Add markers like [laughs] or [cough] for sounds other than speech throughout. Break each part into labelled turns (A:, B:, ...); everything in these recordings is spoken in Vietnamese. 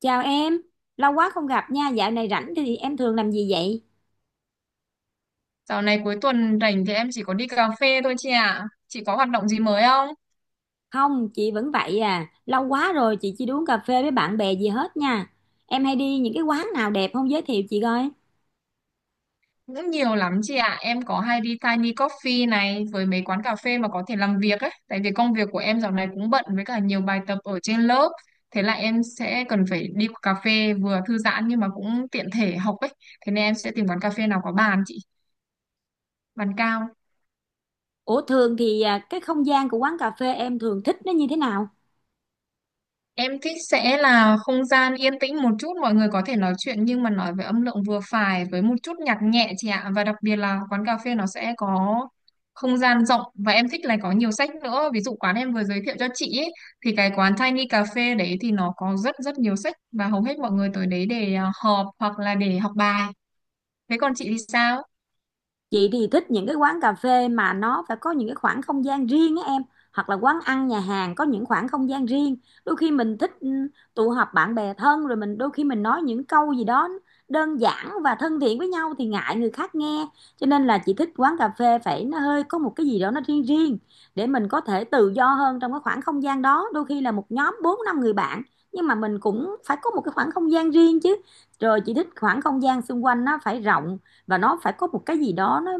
A: Chào em, lâu quá không gặp nha, dạo này rảnh thì em thường làm gì vậy?
B: Dạo này cuối tuần rảnh thì em chỉ có đi cà phê thôi chị ạ. Chị có hoạt động gì mới không?
A: Không, chị vẫn vậy à, lâu quá rồi chị chưa đi uống cà phê với bạn bè gì hết nha. Em hay đi những cái quán nào đẹp không giới thiệu chị coi.
B: Cũng nhiều lắm chị ạ. Em có hay đi Tiny Coffee này với mấy quán cà phê mà có thể làm việc ấy. Tại vì công việc của em dạo này cũng bận với cả nhiều bài tập ở trên lớp. Thế là em sẽ cần phải đi cà phê vừa thư giãn nhưng mà cũng tiện thể học ấy. Thế nên em sẽ tìm quán cà phê nào có bàn chị, bàn cao.
A: Ủa thường thì à, cái không gian của quán cà phê em thường thích nó như thế nào?
B: Em thích sẽ là không gian yên tĩnh một chút, mọi người có thể nói chuyện nhưng mà nói với âm lượng vừa phải với một chút nhạc nhẹ chị ạ. Và đặc biệt là quán cà phê nó sẽ có không gian rộng và em thích là có nhiều sách nữa. Ví dụ quán em vừa giới thiệu cho chị ấy, thì cái quán Tiny Cà phê đấy thì nó có rất rất nhiều sách và hầu hết mọi người tới đấy để họp hoặc là để học bài. Thế còn chị thì sao?
A: Chị thì thích những cái quán cà phê mà nó phải có những cái khoảng không gian riêng á em, hoặc là quán ăn nhà hàng có những khoảng không gian riêng. Đôi khi mình thích tụ họp bạn bè thân, rồi mình đôi khi mình nói những câu gì đó đơn giản và thân thiện với nhau thì ngại người khác nghe. Cho nên là chị thích quán cà phê phải nó hơi có một cái gì đó nó riêng riêng, để mình có thể tự do hơn trong cái khoảng không gian đó. Đôi khi là một nhóm bốn năm người bạn nhưng mà mình cũng phải có một cái khoảng không gian riêng chứ. Rồi chị thích khoảng không gian xung quanh nó phải rộng, và nó phải có một cái gì đó nó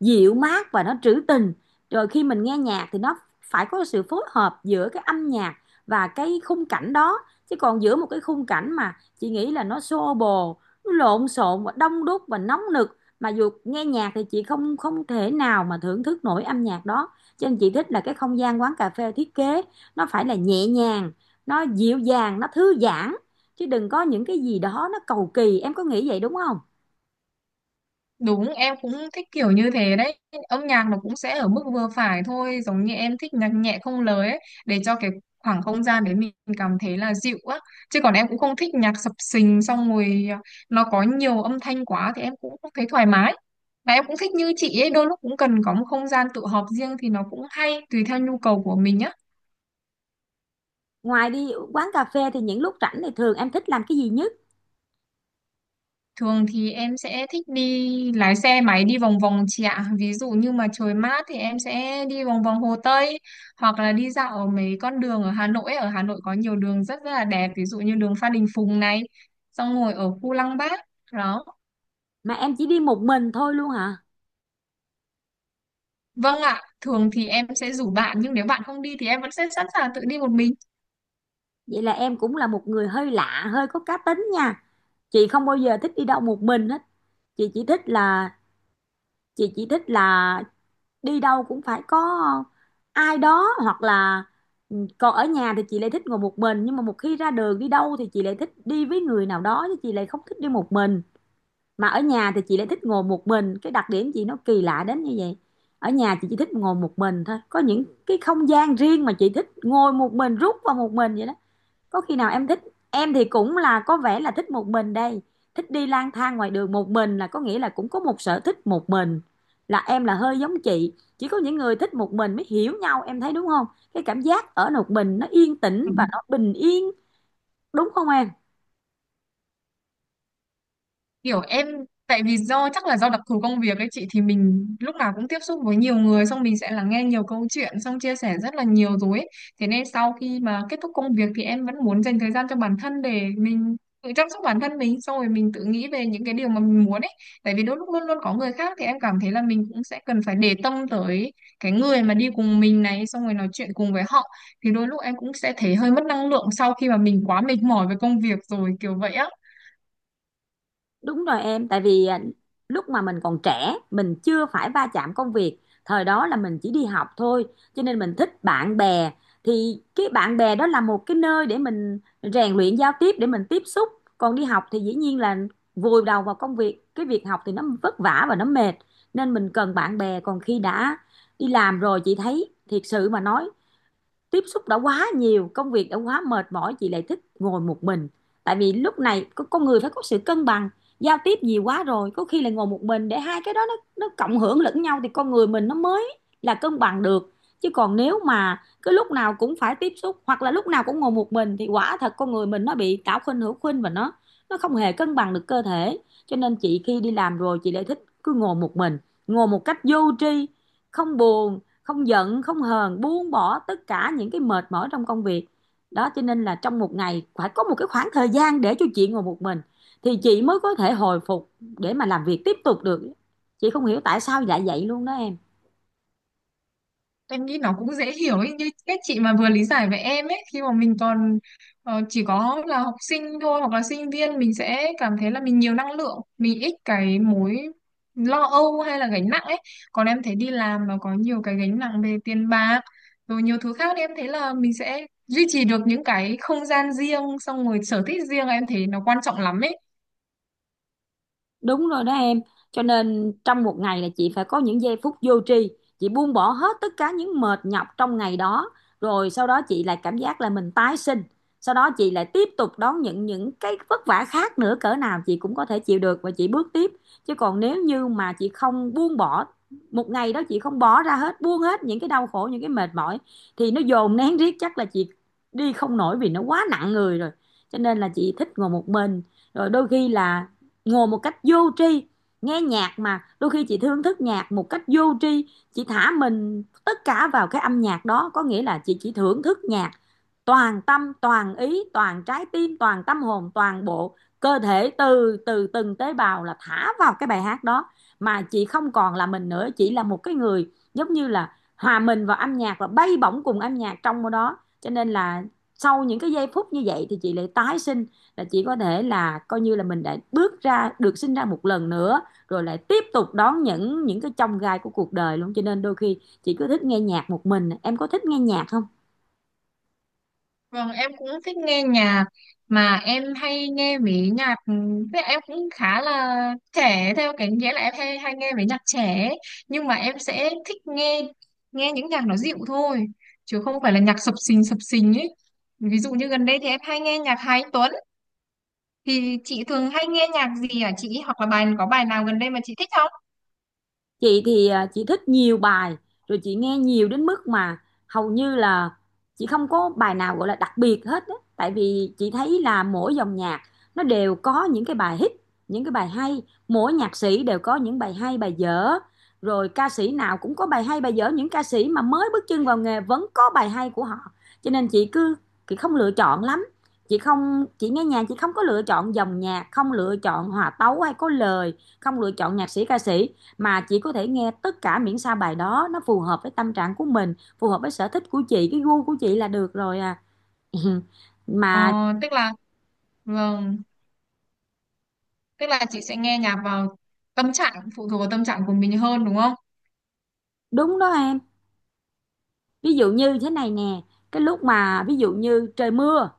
A: dịu mát và nó trữ tình. Rồi khi mình nghe nhạc thì nó phải có sự phối hợp giữa cái âm nhạc và cái khung cảnh đó. Chứ còn giữa một cái khung cảnh mà chị nghĩ là nó xô bồ, nó lộn xộn và đông đúc và nóng nực mà dù nghe nhạc thì chị không không thể nào mà thưởng thức nổi âm nhạc đó. Cho nên chị thích là cái không gian quán cà phê thiết kế nó phải là nhẹ nhàng, nó dịu dàng, nó thư giãn, chứ đừng có những cái gì đó nó cầu kỳ. Em có nghĩ vậy đúng không?
B: Đúng, em cũng thích kiểu như thế đấy. Âm nhạc nó cũng sẽ ở mức vừa phải thôi, giống như em thích nhạc nhẹ không lời ấy, để cho cái khoảng không gian đấy mình cảm thấy là dịu á. Chứ còn em cũng không thích nhạc sập sình xong rồi nó có nhiều âm thanh quá thì em cũng không thấy thoải mái. Và em cũng thích như chị ấy, đôi lúc cũng cần có một không gian tự họp riêng thì nó cũng hay, tùy theo nhu cầu của mình nhá.
A: Ngoài đi quán cà phê thì những lúc rảnh thì thường em thích làm cái gì nhất?
B: Thường thì em sẽ thích đi lái xe máy đi vòng vòng chị ạ. Ví dụ như mà trời mát thì em sẽ đi vòng vòng Hồ Tây hoặc là đi dạo ở mấy con đường ở Hà Nội ấy. Ở Hà Nội có nhiều đường rất rất là đẹp, ví dụ như đường Phan Đình Phùng này, xong ngồi ở khu Lăng Bác. Đó.
A: Mà em chỉ đi một mình thôi luôn hả?
B: Vâng ạ, thường thì em sẽ rủ bạn nhưng nếu bạn không đi thì em vẫn sẽ sẵn sàng tự đi một mình.
A: Vậy là em cũng là một người hơi lạ, hơi có cá tính nha. Chị không bao giờ thích đi đâu một mình hết. Chị chỉ thích là chị chỉ thích là đi đâu cũng phải có ai đó, hoặc là còn ở nhà thì chị lại thích ngồi một mình, nhưng mà một khi ra đường đi đâu thì chị lại thích đi với người nào đó, chứ chị lại không thích đi một mình. Mà ở nhà thì chị lại thích ngồi một mình, cái đặc điểm chị nó kỳ lạ đến như vậy. Ở nhà chị chỉ thích ngồi một mình thôi, có những cái không gian riêng mà chị thích ngồi một mình, rút vào một mình vậy đó. Có khi nào em thích, em thì cũng là có vẻ là thích một mình đây, thích đi lang thang ngoài đường một mình là có nghĩa là cũng có một sở thích một mình, là em là hơi giống chị. Chỉ có những người thích một mình mới hiểu nhau, em thấy đúng không? Cái cảm giác ở một mình nó yên tĩnh và nó bình yên, đúng không em?
B: Kiểu em, tại vì do chắc là do đặc thù công việc ấy chị, thì mình lúc nào cũng tiếp xúc với nhiều người xong mình sẽ lắng nghe nhiều câu chuyện xong chia sẻ rất là nhiều rồi ấy. Thế nên sau khi mà kết thúc công việc thì em vẫn muốn dành thời gian cho bản thân để mình tự chăm sóc bản thân mình xong rồi mình tự nghĩ về những cái điều mà mình muốn ấy, tại vì đôi lúc luôn luôn có người khác thì em cảm thấy là mình cũng sẽ cần phải để tâm tới cái người mà đi cùng mình này xong rồi nói chuyện cùng với họ, thì đôi lúc em cũng sẽ thấy hơi mất năng lượng sau khi mà mình quá mệt mỏi với công việc rồi kiểu vậy á.
A: Đúng rồi em, tại vì à, lúc mà mình còn trẻ, mình chưa phải va chạm công việc, thời đó là mình chỉ đi học thôi, cho nên mình thích bạn bè. Thì cái bạn bè đó là một cái nơi để mình rèn luyện giao tiếp, để mình tiếp xúc. Còn đi học thì dĩ nhiên là vùi đầu vào công việc, cái việc học thì nó vất vả và nó mệt, nên mình cần bạn bè. Còn khi đã đi làm rồi chị thấy, thiệt sự mà nói, tiếp xúc đã quá nhiều, công việc đã quá mệt mỏi, chị lại thích ngồi một mình. Tại vì lúc này con người phải có sự cân bằng. Giao tiếp nhiều quá rồi có khi là ngồi một mình, để hai cái đó nó cộng hưởng lẫn nhau thì con người mình nó mới là cân bằng được. Chứ còn nếu mà cứ lúc nào cũng phải tiếp xúc, hoặc là lúc nào cũng ngồi một mình, thì quả thật con người mình nó bị tạo khuynh hữu khuynh, và nó không hề cân bằng được cơ thể. Cho nên chị khi đi làm rồi chị lại thích cứ ngồi một mình, ngồi một cách vô tri, không buồn, không giận, không hờn, buông bỏ tất cả những cái mệt mỏi trong công việc đó. Cho nên là trong một ngày phải có một cái khoảng thời gian để cho chị ngồi một mình, thì chị mới có thể hồi phục để mà làm việc tiếp tục được. Chị không hiểu tại sao lại vậy luôn đó em.
B: Em nghĩ nó cũng dễ hiểu ấy, như cách chị mà vừa lý giải với em ấy, khi mà mình còn chỉ có là học sinh thôi hoặc là sinh viên mình sẽ cảm thấy là mình nhiều năng lượng, mình ít cái mối lo âu hay là gánh nặng ấy. Còn em thấy đi làm nó có nhiều cái gánh nặng về tiền bạc rồi nhiều thứ khác, thì em thấy là mình sẽ duy trì được những cái không gian riêng xong rồi sở thích riêng, em thấy nó quan trọng lắm ấy.
A: Đúng rồi đó em, cho nên trong một ngày là chị phải có những giây phút vô tri, chị buông bỏ hết tất cả những mệt nhọc trong ngày đó, rồi sau đó chị lại cảm giác là mình tái sinh, sau đó chị lại tiếp tục đón những cái vất vả khác nữa, cỡ nào chị cũng có thể chịu được và chị bước tiếp. Chứ còn nếu như mà chị không buông bỏ một ngày đó, chị không bỏ ra hết, buông hết những cái đau khổ, những cái mệt mỏi, thì nó dồn nén riết chắc là chị đi không nổi vì nó quá nặng người rồi. Cho nên là chị thích ngồi một mình, rồi đôi khi là ngồi một cách vô tri nghe nhạc, mà đôi khi chị thưởng thức nhạc một cách vô tri, chị thả mình tất cả vào cái âm nhạc đó. Có nghĩa là chị chỉ thưởng thức nhạc toàn tâm toàn ý, toàn trái tim toàn tâm hồn, toàn bộ cơ thể, từ từ từng tế bào là thả vào cái bài hát đó, mà chị không còn là mình nữa. Chị là một cái người giống như là hòa mình vào âm nhạc và bay bổng cùng âm nhạc trong đó. Cho nên là sau những cái giây phút như vậy thì chị lại tái sinh, là chị có thể là coi như là mình đã bước ra được, sinh ra một lần nữa, rồi lại tiếp tục đón những cái chông gai của cuộc đời luôn. Cho nên đôi khi chị cứ thích nghe nhạc một mình. Em có thích nghe nhạc không?
B: Vâng, em cũng thích nghe nhạc, mà em hay nghe mấy nhạc, thế em cũng khá là trẻ theo cái nghĩa là em hay hay nghe mấy nhạc trẻ ấy. Nhưng mà em sẽ thích nghe nghe những nhạc nó dịu thôi, chứ không phải là nhạc sập sình ấy. Ví dụ như gần đây thì em hay nghe nhạc Hà Anh Tuấn, thì chị thường hay nghe nhạc gì hả chị, hoặc là bài có bài nào gần đây mà chị thích không?
A: Chị thì à, chị thích nhiều bài, rồi chị nghe nhiều đến mức mà hầu như là chị không có bài nào gọi là đặc biệt hết á. Tại vì chị thấy là mỗi dòng nhạc nó đều có những cái bài hit, những cái bài hay. Mỗi nhạc sĩ đều có những bài hay bài dở, rồi ca sĩ nào cũng có bài hay bài dở, những ca sĩ mà mới bước chân vào nghề vẫn có bài hay của họ. Cho nên chị cứ chị không lựa chọn lắm, chị nghe nhạc chị không có lựa chọn dòng nhạc, không lựa chọn hòa tấu hay có lời, không lựa chọn nhạc sĩ ca sĩ, mà chị có thể nghe tất cả, miễn sao bài đó nó phù hợp với tâm trạng của mình, phù hợp với sở thích của chị, cái gu của chị là được rồi à. [laughs]
B: Ờ,
A: Mà
B: tức là, vâng, tức là chị sẽ nghe nhạc vào tâm trạng, phụ thuộc vào tâm trạng của mình hơn đúng không?
A: đúng đó em, ví dụ như thế này nè, cái lúc mà ví dụ như trời mưa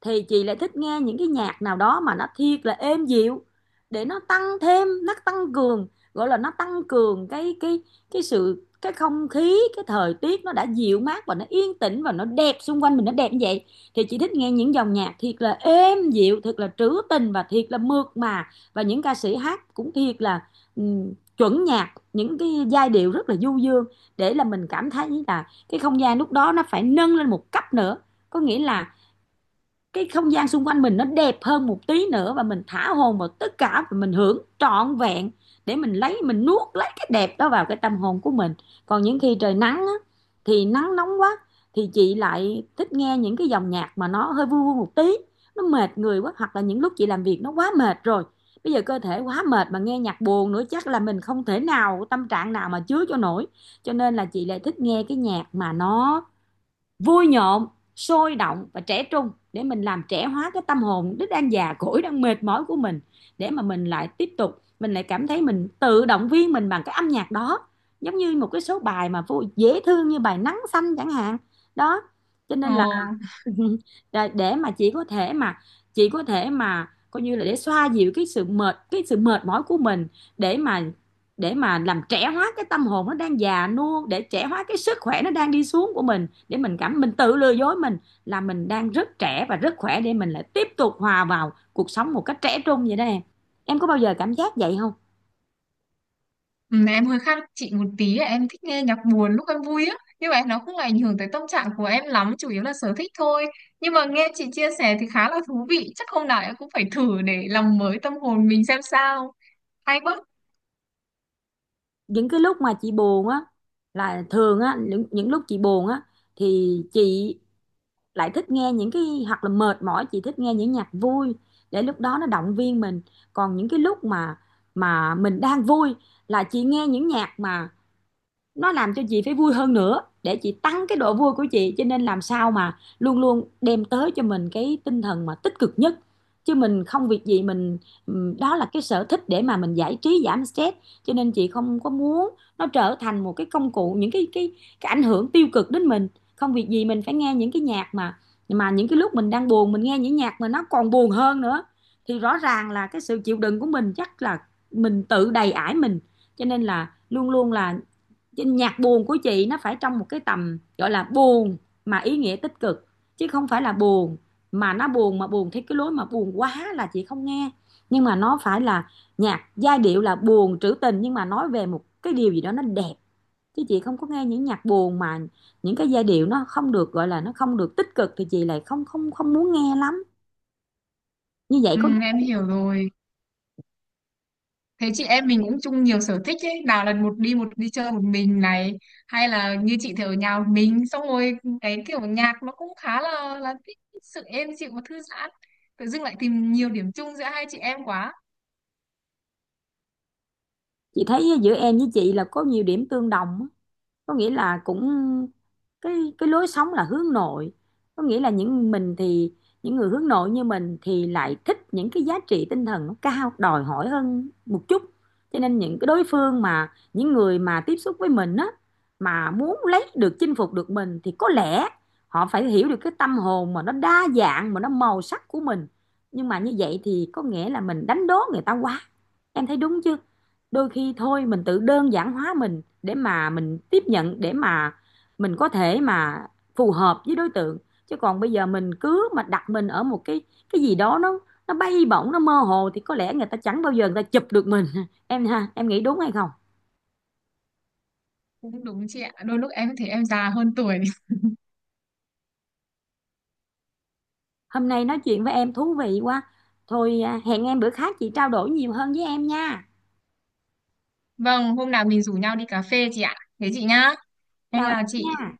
A: thì chị lại thích nghe những cái nhạc nào đó mà nó thiệt là êm dịu, để nó tăng thêm, nó tăng cường, gọi là nó tăng cường cái sự, cái không khí, cái thời tiết nó đã dịu mát và nó yên tĩnh và nó đẹp, xung quanh mình nó đẹp như vậy. Thì chị thích nghe những dòng nhạc thiệt là êm dịu, thiệt là trữ tình và thiệt là mượt mà, và những ca sĩ hát cũng thiệt là chuẩn nhạc, những cái giai điệu rất là du dương, để là mình cảm thấy là cái không gian lúc đó nó phải nâng lên một cấp nữa. Có nghĩa là cái không gian xung quanh mình nó đẹp hơn một tí nữa, và mình thả hồn vào tất cả, và mình hưởng trọn vẹn, để mình lấy, mình nuốt lấy cái đẹp đó vào cái tâm hồn của mình. Còn những khi trời nắng á, thì nắng nóng quá, thì chị lại thích nghe những cái dòng nhạc mà nó hơi vui vui một tí. Nó mệt người quá, hoặc là những lúc chị làm việc nó quá mệt rồi, bây giờ cơ thể quá mệt mà nghe nhạc buồn nữa chắc là mình không thể nào, tâm trạng nào mà chứa cho nổi. Cho nên là chị lại thích nghe cái nhạc mà nó vui nhộn, sôi động và trẻ trung, để mình làm trẻ hóa cái tâm hồn đứt đang già cỗi đang mệt mỏi của mình. Để mà mình lại cảm thấy mình tự động viên mình bằng cái âm nhạc đó, giống như một cái số bài mà vô dễ thương như bài Nắng Xanh chẳng hạn đó. Cho
B: Ờ.
A: nên là [laughs] rồi để mà chị có thể mà coi như là để xoa dịu cái sự mệt mỏi của mình, để mà để mà làm trẻ hóa cái tâm hồn nó đang già nua, để trẻ hóa cái sức khỏe nó đang đi xuống của mình, để mình cảm mình tự lừa dối mình là mình đang rất trẻ và rất khỏe, để mình lại tiếp tục hòa vào cuộc sống một cách trẻ trung vậy đó em. Em có bao giờ cảm giác vậy không?
B: Ừ, em hơi khác chị một tí ấy, em thích nghe nhạc buồn lúc em vui á, nhưng mà nó không ảnh hưởng tới tâm trạng của em lắm, chủ yếu là sở thích thôi. Nhưng mà nghe chị chia sẻ thì khá là thú vị, chắc hôm nào em cũng phải thử để làm mới tâm hồn mình xem sao. Hay quá.
A: Những cái lúc mà chị buồn á, là thường á, những lúc chị buồn á, thì chị lại thích nghe những cái, hoặc là mệt mỏi chị thích nghe những nhạc vui để lúc đó nó động viên mình. Còn những cái lúc mà mình đang vui là chị nghe những nhạc mà nó làm cho chị phải vui hơn nữa để chị tăng cái độ vui của chị. Cho nên làm sao mà luôn luôn đem tới cho mình cái tinh thần mà tích cực nhất, chứ mình không việc gì mình. Đó là cái sở thích để mà mình giải trí giảm stress, cho nên chị không có muốn nó trở thành một cái công cụ, những cái ảnh hưởng tiêu cực đến mình. Không việc gì mình phải nghe những cái nhạc mà những cái lúc mình đang buồn mình nghe những nhạc mà nó còn buồn hơn nữa, thì rõ ràng là cái sự chịu đựng của mình chắc là mình tự đầy ải mình. Cho nên là luôn luôn là nhạc buồn của chị nó phải trong một cái tầm gọi là buồn mà ý nghĩa tích cực, chứ không phải là buồn mà nó buồn, mà buồn theo cái lối mà buồn quá là chị không nghe. Nhưng mà nó phải là nhạc giai điệu là buồn trữ tình nhưng mà nói về một cái điều gì đó nó đẹp, chứ chị không có nghe những nhạc buồn mà những cái giai điệu nó không được gọi là nó không được tích cực thì chị lại không không không muốn nghe lắm. Như vậy
B: Ừ,
A: có.
B: em hiểu rồi. Thế chị em mình cũng chung nhiều sở thích ấy, nào là một đi chơi một mình này, hay là như chị thì ở nhà một mình, xong rồi cái kiểu nhạc nó cũng khá là thích sự êm dịu và thư giãn. Tự dưng lại tìm nhiều điểm chung giữa hai chị em quá.
A: Chị thấy giữa em với chị là có nhiều điểm tương đồng, có nghĩa là cũng cái lối sống là hướng nội, có nghĩa là những mình thì những người hướng nội như mình thì lại thích những cái giá trị tinh thần nó cao đòi hỏi hơn một chút. Cho nên những cái đối phương mà những người mà tiếp xúc với mình á, mà muốn lấy được chinh phục được mình thì có lẽ họ phải hiểu được cái tâm hồn mà nó đa dạng mà nó màu sắc của mình. Nhưng mà như vậy thì có nghĩa là mình đánh đố người ta quá. Em thấy đúng chưa? Đôi khi thôi mình tự đơn giản hóa mình để mà mình tiếp nhận, để mà mình có thể mà phù hợp với đối tượng, chứ còn bây giờ mình cứ mà đặt mình ở một cái gì đó nó bay bổng nó mơ hồ thì có lẽ người ta chẳng bao giờ người ta chụp được mình. [laughs] Em ha, em nghĩ đúng hay không?
B: Cũng đúng chị ạ. Đôi lúc em thấy em già hơn tuổi.
A: Hôm nay nói chuyện với em thú vị quá. Thôi à, hẹn em bữa khác chị trao đổi nhiều hơn với em nha.
B: [laughs] Vâng, hôm nào mình rủ nhau đi cà phê chị ạ. Thế chị nhá. Em
A: Chào em
B: chào chị.
A: nha.